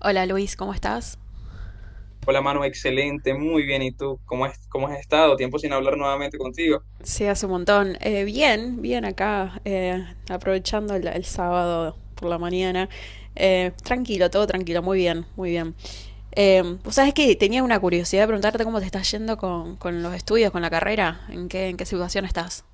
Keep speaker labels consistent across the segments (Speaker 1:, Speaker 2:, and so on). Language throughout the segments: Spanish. Speaker 1: Hola Luis, ¿cómo estás?
Speaker 2: Hola, mano, excelente, muy bien. ¿Y tú? ¿Cómo has estado? Tiempo sin hablar nuevamente contigo.
Speaker 1: Sí, hace un montón. Bien, bien acá, aprovechando el sábado por la mañana. Tranquilo, todo tranquilo, muy bien, muy bien. ¿Vos sabés que tenía una curiosidad de preguntarte cómo te está yendo con los estudios, con la carrera? En qué situación estás?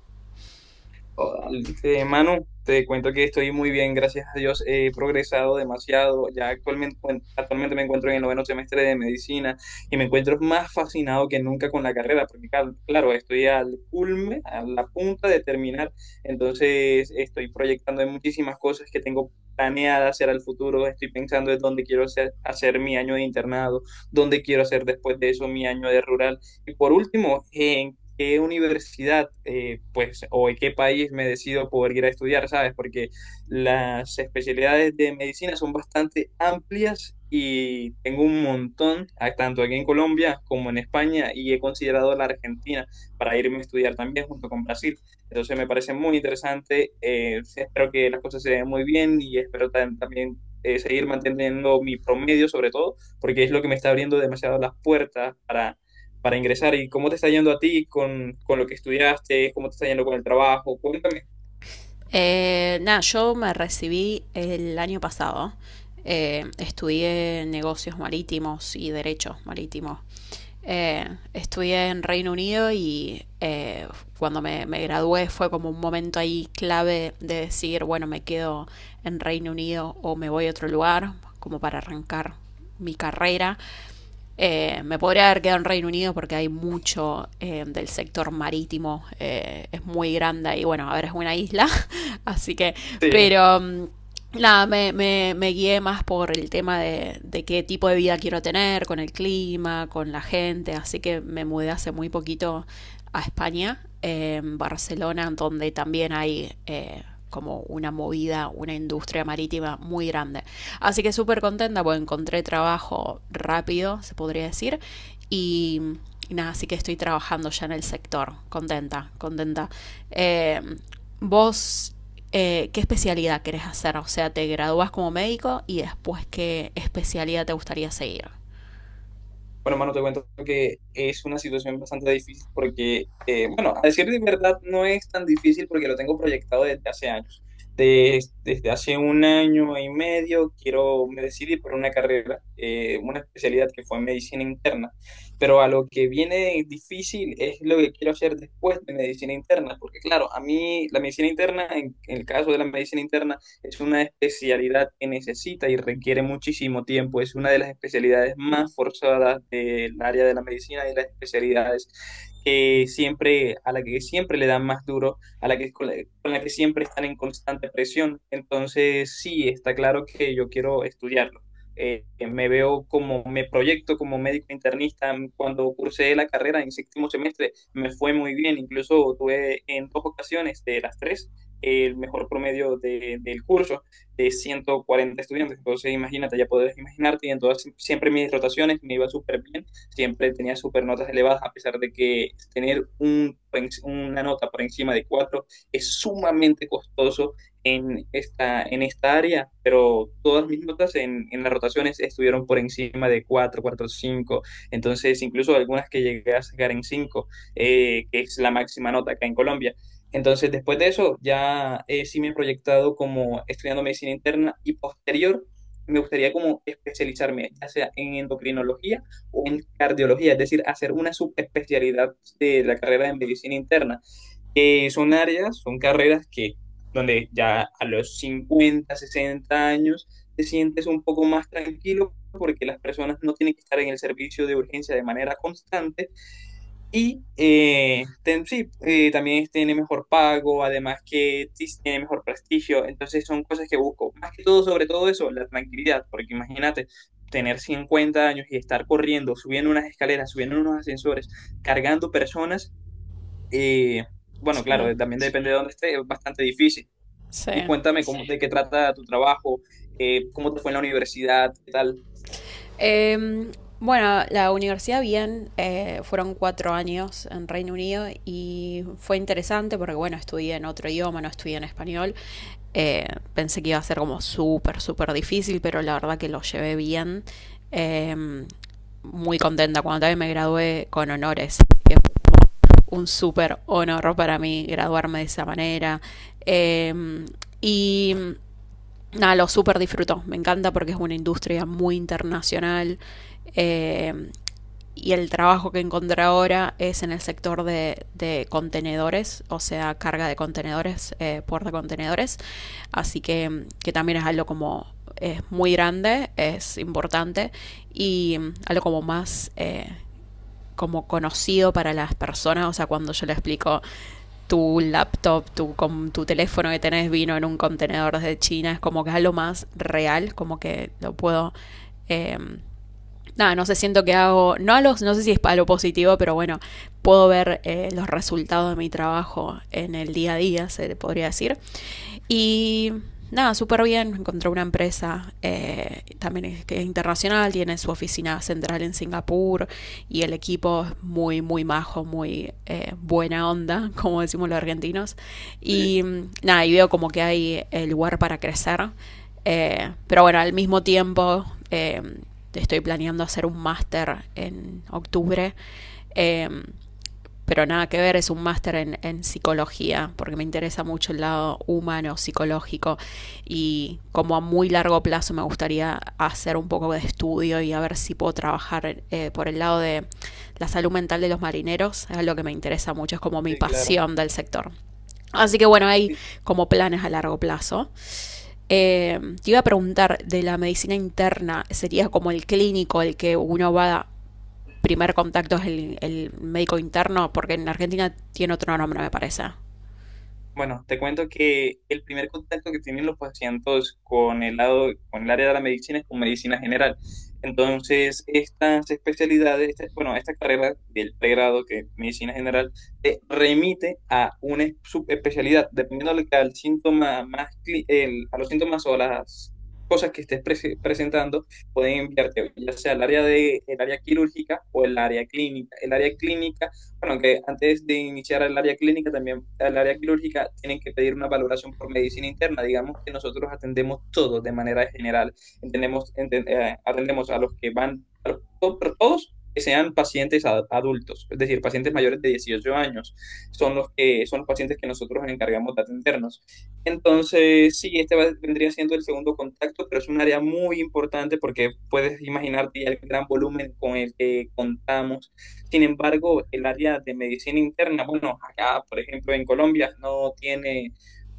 Speaker 2: Oh, Manu, te cuento que estoy muy bien, gracias a Dios. He progresado demasiado. Bueno, actualmente me encuentro en el noveno semestre de medicina y me encuentro más fascinado que nunca con la carrera, porque claro, estoy al culme, a la punta de terminar. Entonces, estoy proyectando en muchísimas cosas que tengo planeadas hacer al futuro. Estoy pensando en dónde quiero hacer mi año de internado, dónde quiero hacer después de eso mi año de rural. Y por último, en qué universidad, pues, o en qué país me decido poder ir a estudiar, ¿sabes? Porque las especialidades de medicina son bastante amplias y tengo un montón, ah, tanto aquí en Colombia como en España, y he considerado la Argentina para irme a estudiar también junto con Brasil. Entonces me parece muy interesante. Espero que las cosas se den muy bien y espero también, seguir manteniendo mi promedio sobre todo, porque es lo que me está abriendo demasiado las puertas para ingresar. ¿Y cómo te está yendo a ti con lo que estudiaste? ¿Cómo te está yendo con el trabajo? Cuéntame.
Speaker 1: Nada, yo me recibí el año pasado. Estudié negocios marítimos y derechos marítimos. Estudié en Reino Unido y cuando me gradué fue como un momento ahí clave de decir, bueno, me quedo en Reino Unido o me voy a otro lugar, como para arrancar mi carrera. Me podría haber quedado en Reino Unido porque hay mucho del sector marítimo, es muy grande y bueno, a ver, es una isla, así que,
Speaker 2: Sí.
Speaker 1: pero nada, guié más por el tema qué tipo de vida quiero tener, con el clima, con la gente, así que me mudé hace muy poquito a España, en Barcelona, donde también hay como una movida, una industria marítima muy grande. Así que súper contenta, pues encontré trabajo rápido, se podría decir. Y, y nada, así que estoy trabajando ya en el sector. Contenta, contenta. Eh, Vos, ¿qué especialidad querés hacer? O sea, ¿te graduás como médico y después qué especialidad te gustaría seguir?
Speaker 2: Bueno, mano, te cuento que es una situación bastante difícil porque, bueno, a decir de verdad, no es tan difícil porque lo tengo proyectado desde hace años. Desde hace un año y medio me decidí por una carrera, una especialidad que fue medicina interna. Pero a lo que viene difícil es lo que quiero hacer después de medicina interna, porque claro, a mí la medicina interna, en el caso de la medicina interna, es una especialidad que necesita y requiere muchísimo tiempo. Es una de las especialidades más forzadas del área de la medicina, y las especialidades que siempre, a la que siempre le dan más duro, a la que, con la que siempre están en constante presión. Entonces, sí, está claro que yo quiero estudiarlo. Me proyecto como médico internista. Cuando cursé la carrera en séptimo semestre, me fue muy bien. Incluso tuve en dos ocasiones de las tres el mejor promedio del curso de 140 estudiantes. Entonces, imagínate, ya podrás imaginarte, y en todas, siempre mis rotaciones me iba súper bien, siempre tenía súper notas elevadas, a pesar de que tener una nota por encima de 4 es sumamente costoso en esta área, pero todas mis notas en las rotaciones estuvieron por encima de 4,45, entonces incluso algunas que llegué a sacar en cinco, que es la máxima nota acá en Colombia. Entonces, después de eso, ya sí me he proyectado como estudiando medicina interna, y posterior me gustaría como especializarme, ya sea en endocrinología o en cardiología, es decir, hacer una subespecialidad de la carrera de medicina interna, que son áreas, son carreras que donde ya a los 50 60 años te sientes un poco más tranquilo porque las personas no tienen que estar en el servicio de urgencia de manera constante, y sí, también tiene mejor pago, además que sí sí tiene mejor prestigio. Entonces son cosas que busco. Más que todo, sobre todo eso, la tranquilidad. Porque imagínate, tener 50 años y estar corriendo, subiendo unas escaleras, subiendo unos ascensores, cargando personas. eh, bueno, claro,
Speaker 1: Sí,
Speaker 2: también depende de dónde esté, es bastante difícil. Y
Speaker 1: sí.
Speaker 2: cuéntame cómo, de qué trata tu trabajo, cómo te fue en la universidad, qué tal.
Speaker 1: Em, bueno, la universidad bien, fueron cuatro años en Reino Unido y fue interesante porque, bueno, estudié en otro idioma, no estudié en español. Eh, Pensé que iba a ser como súper, súper difícil, pero la verdad que lo llevé bien. Em, Muy contenta cuando también me gradué con honores, que fue un súper honor para mí graduarme de esa manera. Em, y nada, lo súper disfruto. Me encanta porque es una industria muy internacional. eh, y el trabajo que encontré ahora es en el sector de contenedores, o sea, carga de contenedores, puerta de contenedores. Así que también es algo como es muy grande, es importante y algo como más como conocido para las personas. O sea, cuando yo le explico tu laptop, tu, con tu teléfono que tenés vino en un contenedor desde China, es como que es lo más real, como que lo puedo em, nada, no sé, siento que hago, no, a los, no sé si es para lo positivo, pero bueno, puedo ver los resultados de mi trabajo en el día a día, se podría decir. Y nada, súper bien, encontré una empresa también es, que es internacional, tiene su oficina central en Singapur y el equipo es muy, muy majo, muy buena onda, como decimos los argentinos.
Speaker 2: Sí,
Speaker 1: Y nada, y veo como que hay el lugar para crecer pero bueno, al mismo tiempo eh, estoy planeando hacer un máster en octubre. eh, pero nada que ver, es un máster en psicología, porque me interesa mucho el lado humano, psicológico, y como a muy largo plazo me gustaría hacer un poco de estudio y a ver si puedo trabajar por el lado de la salud mental de los marineros, es lo que me interesa mucho, es como mi
Speaker 2: sí, claro.
Speaker 1: pasión del sector. Así que bueno, hay como planes a largo plazo. Te iba a preguntar de la medicina interna, ¿sería como el clínico el que uno va a primer contacto es el médico interno? Porque en Argentina tiene otro nombre, me parece.
Speaker 2: Bueno, te cuento que el primer contacto que tienen los pacientes con el lado, con el área de la medicina es con medicina general. Entonces, estas especialidades, bueno, esta carrera del pregrado que es medicina general te remite a una subespecialidad, dependiendo de lo que al síntoma más, a los síntomas o las cosas que estés presentando, pueden enviarte ya sea el área quirúrgica o el área clínica. Bueno, que antes de iniciar el área clínica, también el área quirúrgica, tienen que pedir una valoración por medicina interna. Digamos que nosotros atendemos todo de manera general. Atendemos a los que van, todos que sean pacientes adultos, es decir, pacientes mayores de 18 años, son los que son los pacientes que nosotros nos encargamos de atendernos. Entonces, sí, este vendría siendo el segundo contacto, pero es un área muy importante porque puedes imaginarte ya el gran volumen con el que contamos. Sin embargo, el área de medicina interna, bueno, acá, por ejemplo, en Colombia no tiene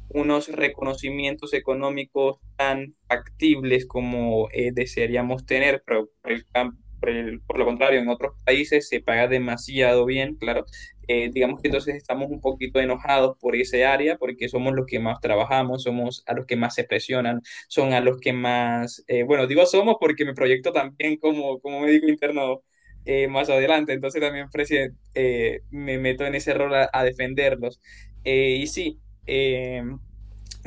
Speaker 2: unos reconocimientos económicos tan factibles como desearíamos tener, pero por, el cam- por el- por lo contrario, en otros países se paga demasiado bien, claro. Digamos que entonces estamos un poquito enojados por ese área porque somos los que más trabajamos, somos a los que más se presionan, son a los que más, bueno, digo somos porque me proyecto también como médico interno más adelante, entonces también me meto en ese rol a defenderlos. Y sí, Eh,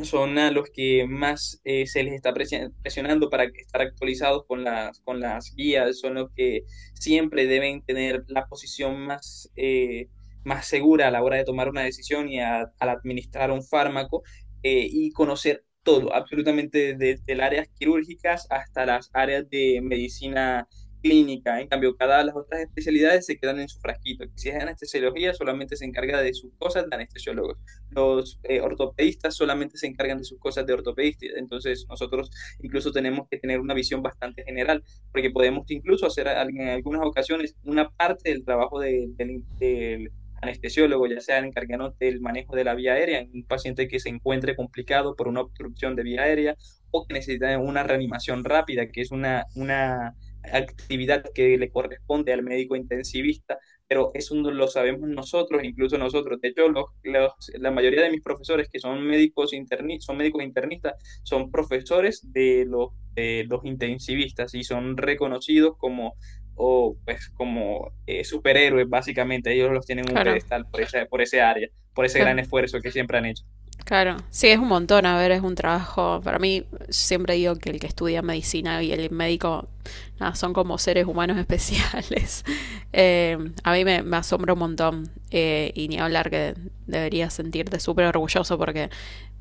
Speaker 2: son a los que más se les está presionando para estar actualizados con las, guías, son los que siempre deben tener la posición más segura a la hora de tomar una decisión y al administrar un fármaco, y conocer todo, absolutamente, desde las áreas quirúrgicas hasta las áreas de medicina clínica. En cambio, cada las otras especialidades se quedan en su frasquito. Si es anestesiología, solamente se encarga de sus cosas de anestesiólogos. Los ortopedistas solamente se encargan de sus cosas de ortopedista, entonces nosotros incluso tenemos que tener una visión bastante general, porque podemos incluso hacer en algunas ocasiones una parte del trabajo del de anestesiólogo, ya sea encargándonos del manejo de la vía aérea en un paciente que se encuentre complicado por una obstrucción de vía aérea, o que necesita una reanimación rápida, que es una actividad que le corresponde al médico intensivista, pero eso no lo sabemos nosotros, incluso nosotros. De hecho, la mayoría de mis profesores que son médicos, son médicos internistas, son profesores de los, intensivistas, y son reconocidos o, pues, como superhéroes, básicamente. Ellos los tienen en un
Speaker 1: Claro,
Speaker 2: pedestal por esa, por ese área, por ese
Speaker 1: claro,
Speaker 2: gran esfuerzo que siempre han hecho.
Speaker 1: claro. Sí, es un montón, a ver, es un trabajo. Para mí, siempre digo que el que estudia medicina y el médico nada, son como seres humanos especiales. Eh, a mí me asombra un montón, y ni hablar que deberías sentirte súper orgulloso porque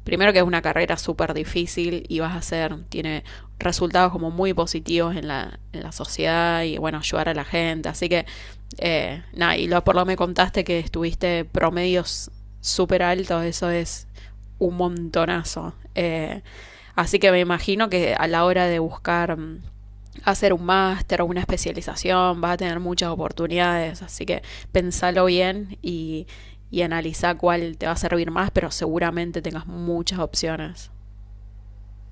Speaker 1: primero que es una carrera súper difícil y vas a hacer, tiene resultados como muy positivos en la sociedad y bueno, ayudar a la gente. Así que, nada, y lo, por lo que me contaste que estuviste promedios súper altos, eso es un montonazo. Así que me imagino que a la hora de buscar hacer un máster o una especialización, vas a tener muchas oportunidades, así que pensalo bien y analiza cuál te va a servir más, pero seguramente tengas muchas opciones.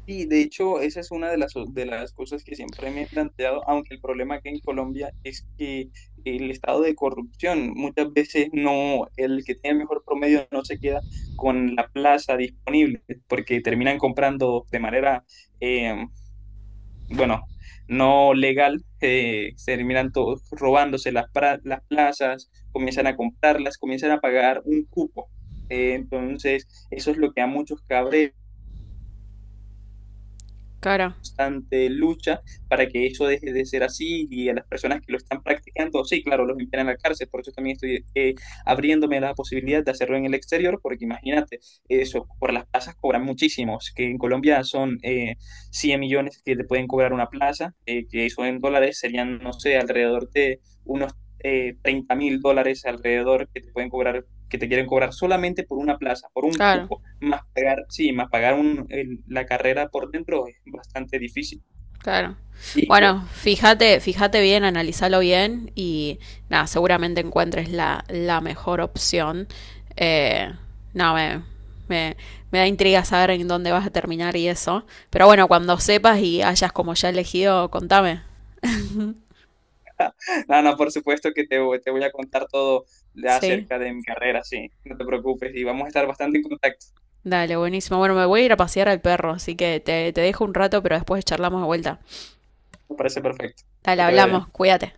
Speaker 2: Sí, de hecho, esa es una de las cosas que siempre me he planteado, aunque el problema aquí en Colombia es que el estado de corrupción, muchas veces no, el que tiene el mejor promedio no se queda con la plaza disponible, porque terminan comprando de manera, eh, bueno, no legal, se terminan todos robándose las plazas, comienzan a comprarlas, comienzan a pagar un cupo. Entonces, eso es lo que a muchos cabrea,
Speaker 1: Claro,
Speaker 2: constante lucha para que eso deje de ser así, y a las personas que lo están practicando, sí, claro, los envían a la cárcel, por eso también estoy abriéndome la posibilidad de hacerlo en el exterior, porque imagínate, eso, por las plazas cobran muchísimos, que en Colombia son 100 millones que te pueden cobrar una plaza, que eso en dólares serían, no sé, alrededor de unos 30 mil dólares alrededor que te pueden cobrar, que te quieren cobrar solamente por una plaza, por un
Speaker 1: claro,
Speaker 2: cupo, más pagar, sí, más pagar la carrera por dentro es bastante difícil.
Speaker 1: claro.
Speaker 2: Y
Speaker 1: Bueno,
Speaker 2: pues,
Speaker 1: fíjate, fíjate bien, analizalo bien y nada, seguramente encuentres la mejor opción. Eh, no, me, me da intriga saber en dónde vas a terminar y eso. Pero bueno, cuando sepas y hayas como ya elegido, contame.
Speaker 2: no, no, por supuesto que te voy a contar todo
Speaker 1: Sí.
Speaker 2: acerca de mi carrera, sí, no te preocupes, y vamos a estar bastante en contacto.
Speaker 1: Dale, buenísimo. Bueno, me voy a ir a pasear al perro, así que te dejo un rato, pero después charlamos de vuelta.
Speaker 2: Me parece perfecto.
Speaker 1: Dale,
Speaker 2: Que te vaya
Speaker 1: hablamos,
Speaker 2: bien.
Speaker 1: cuídate.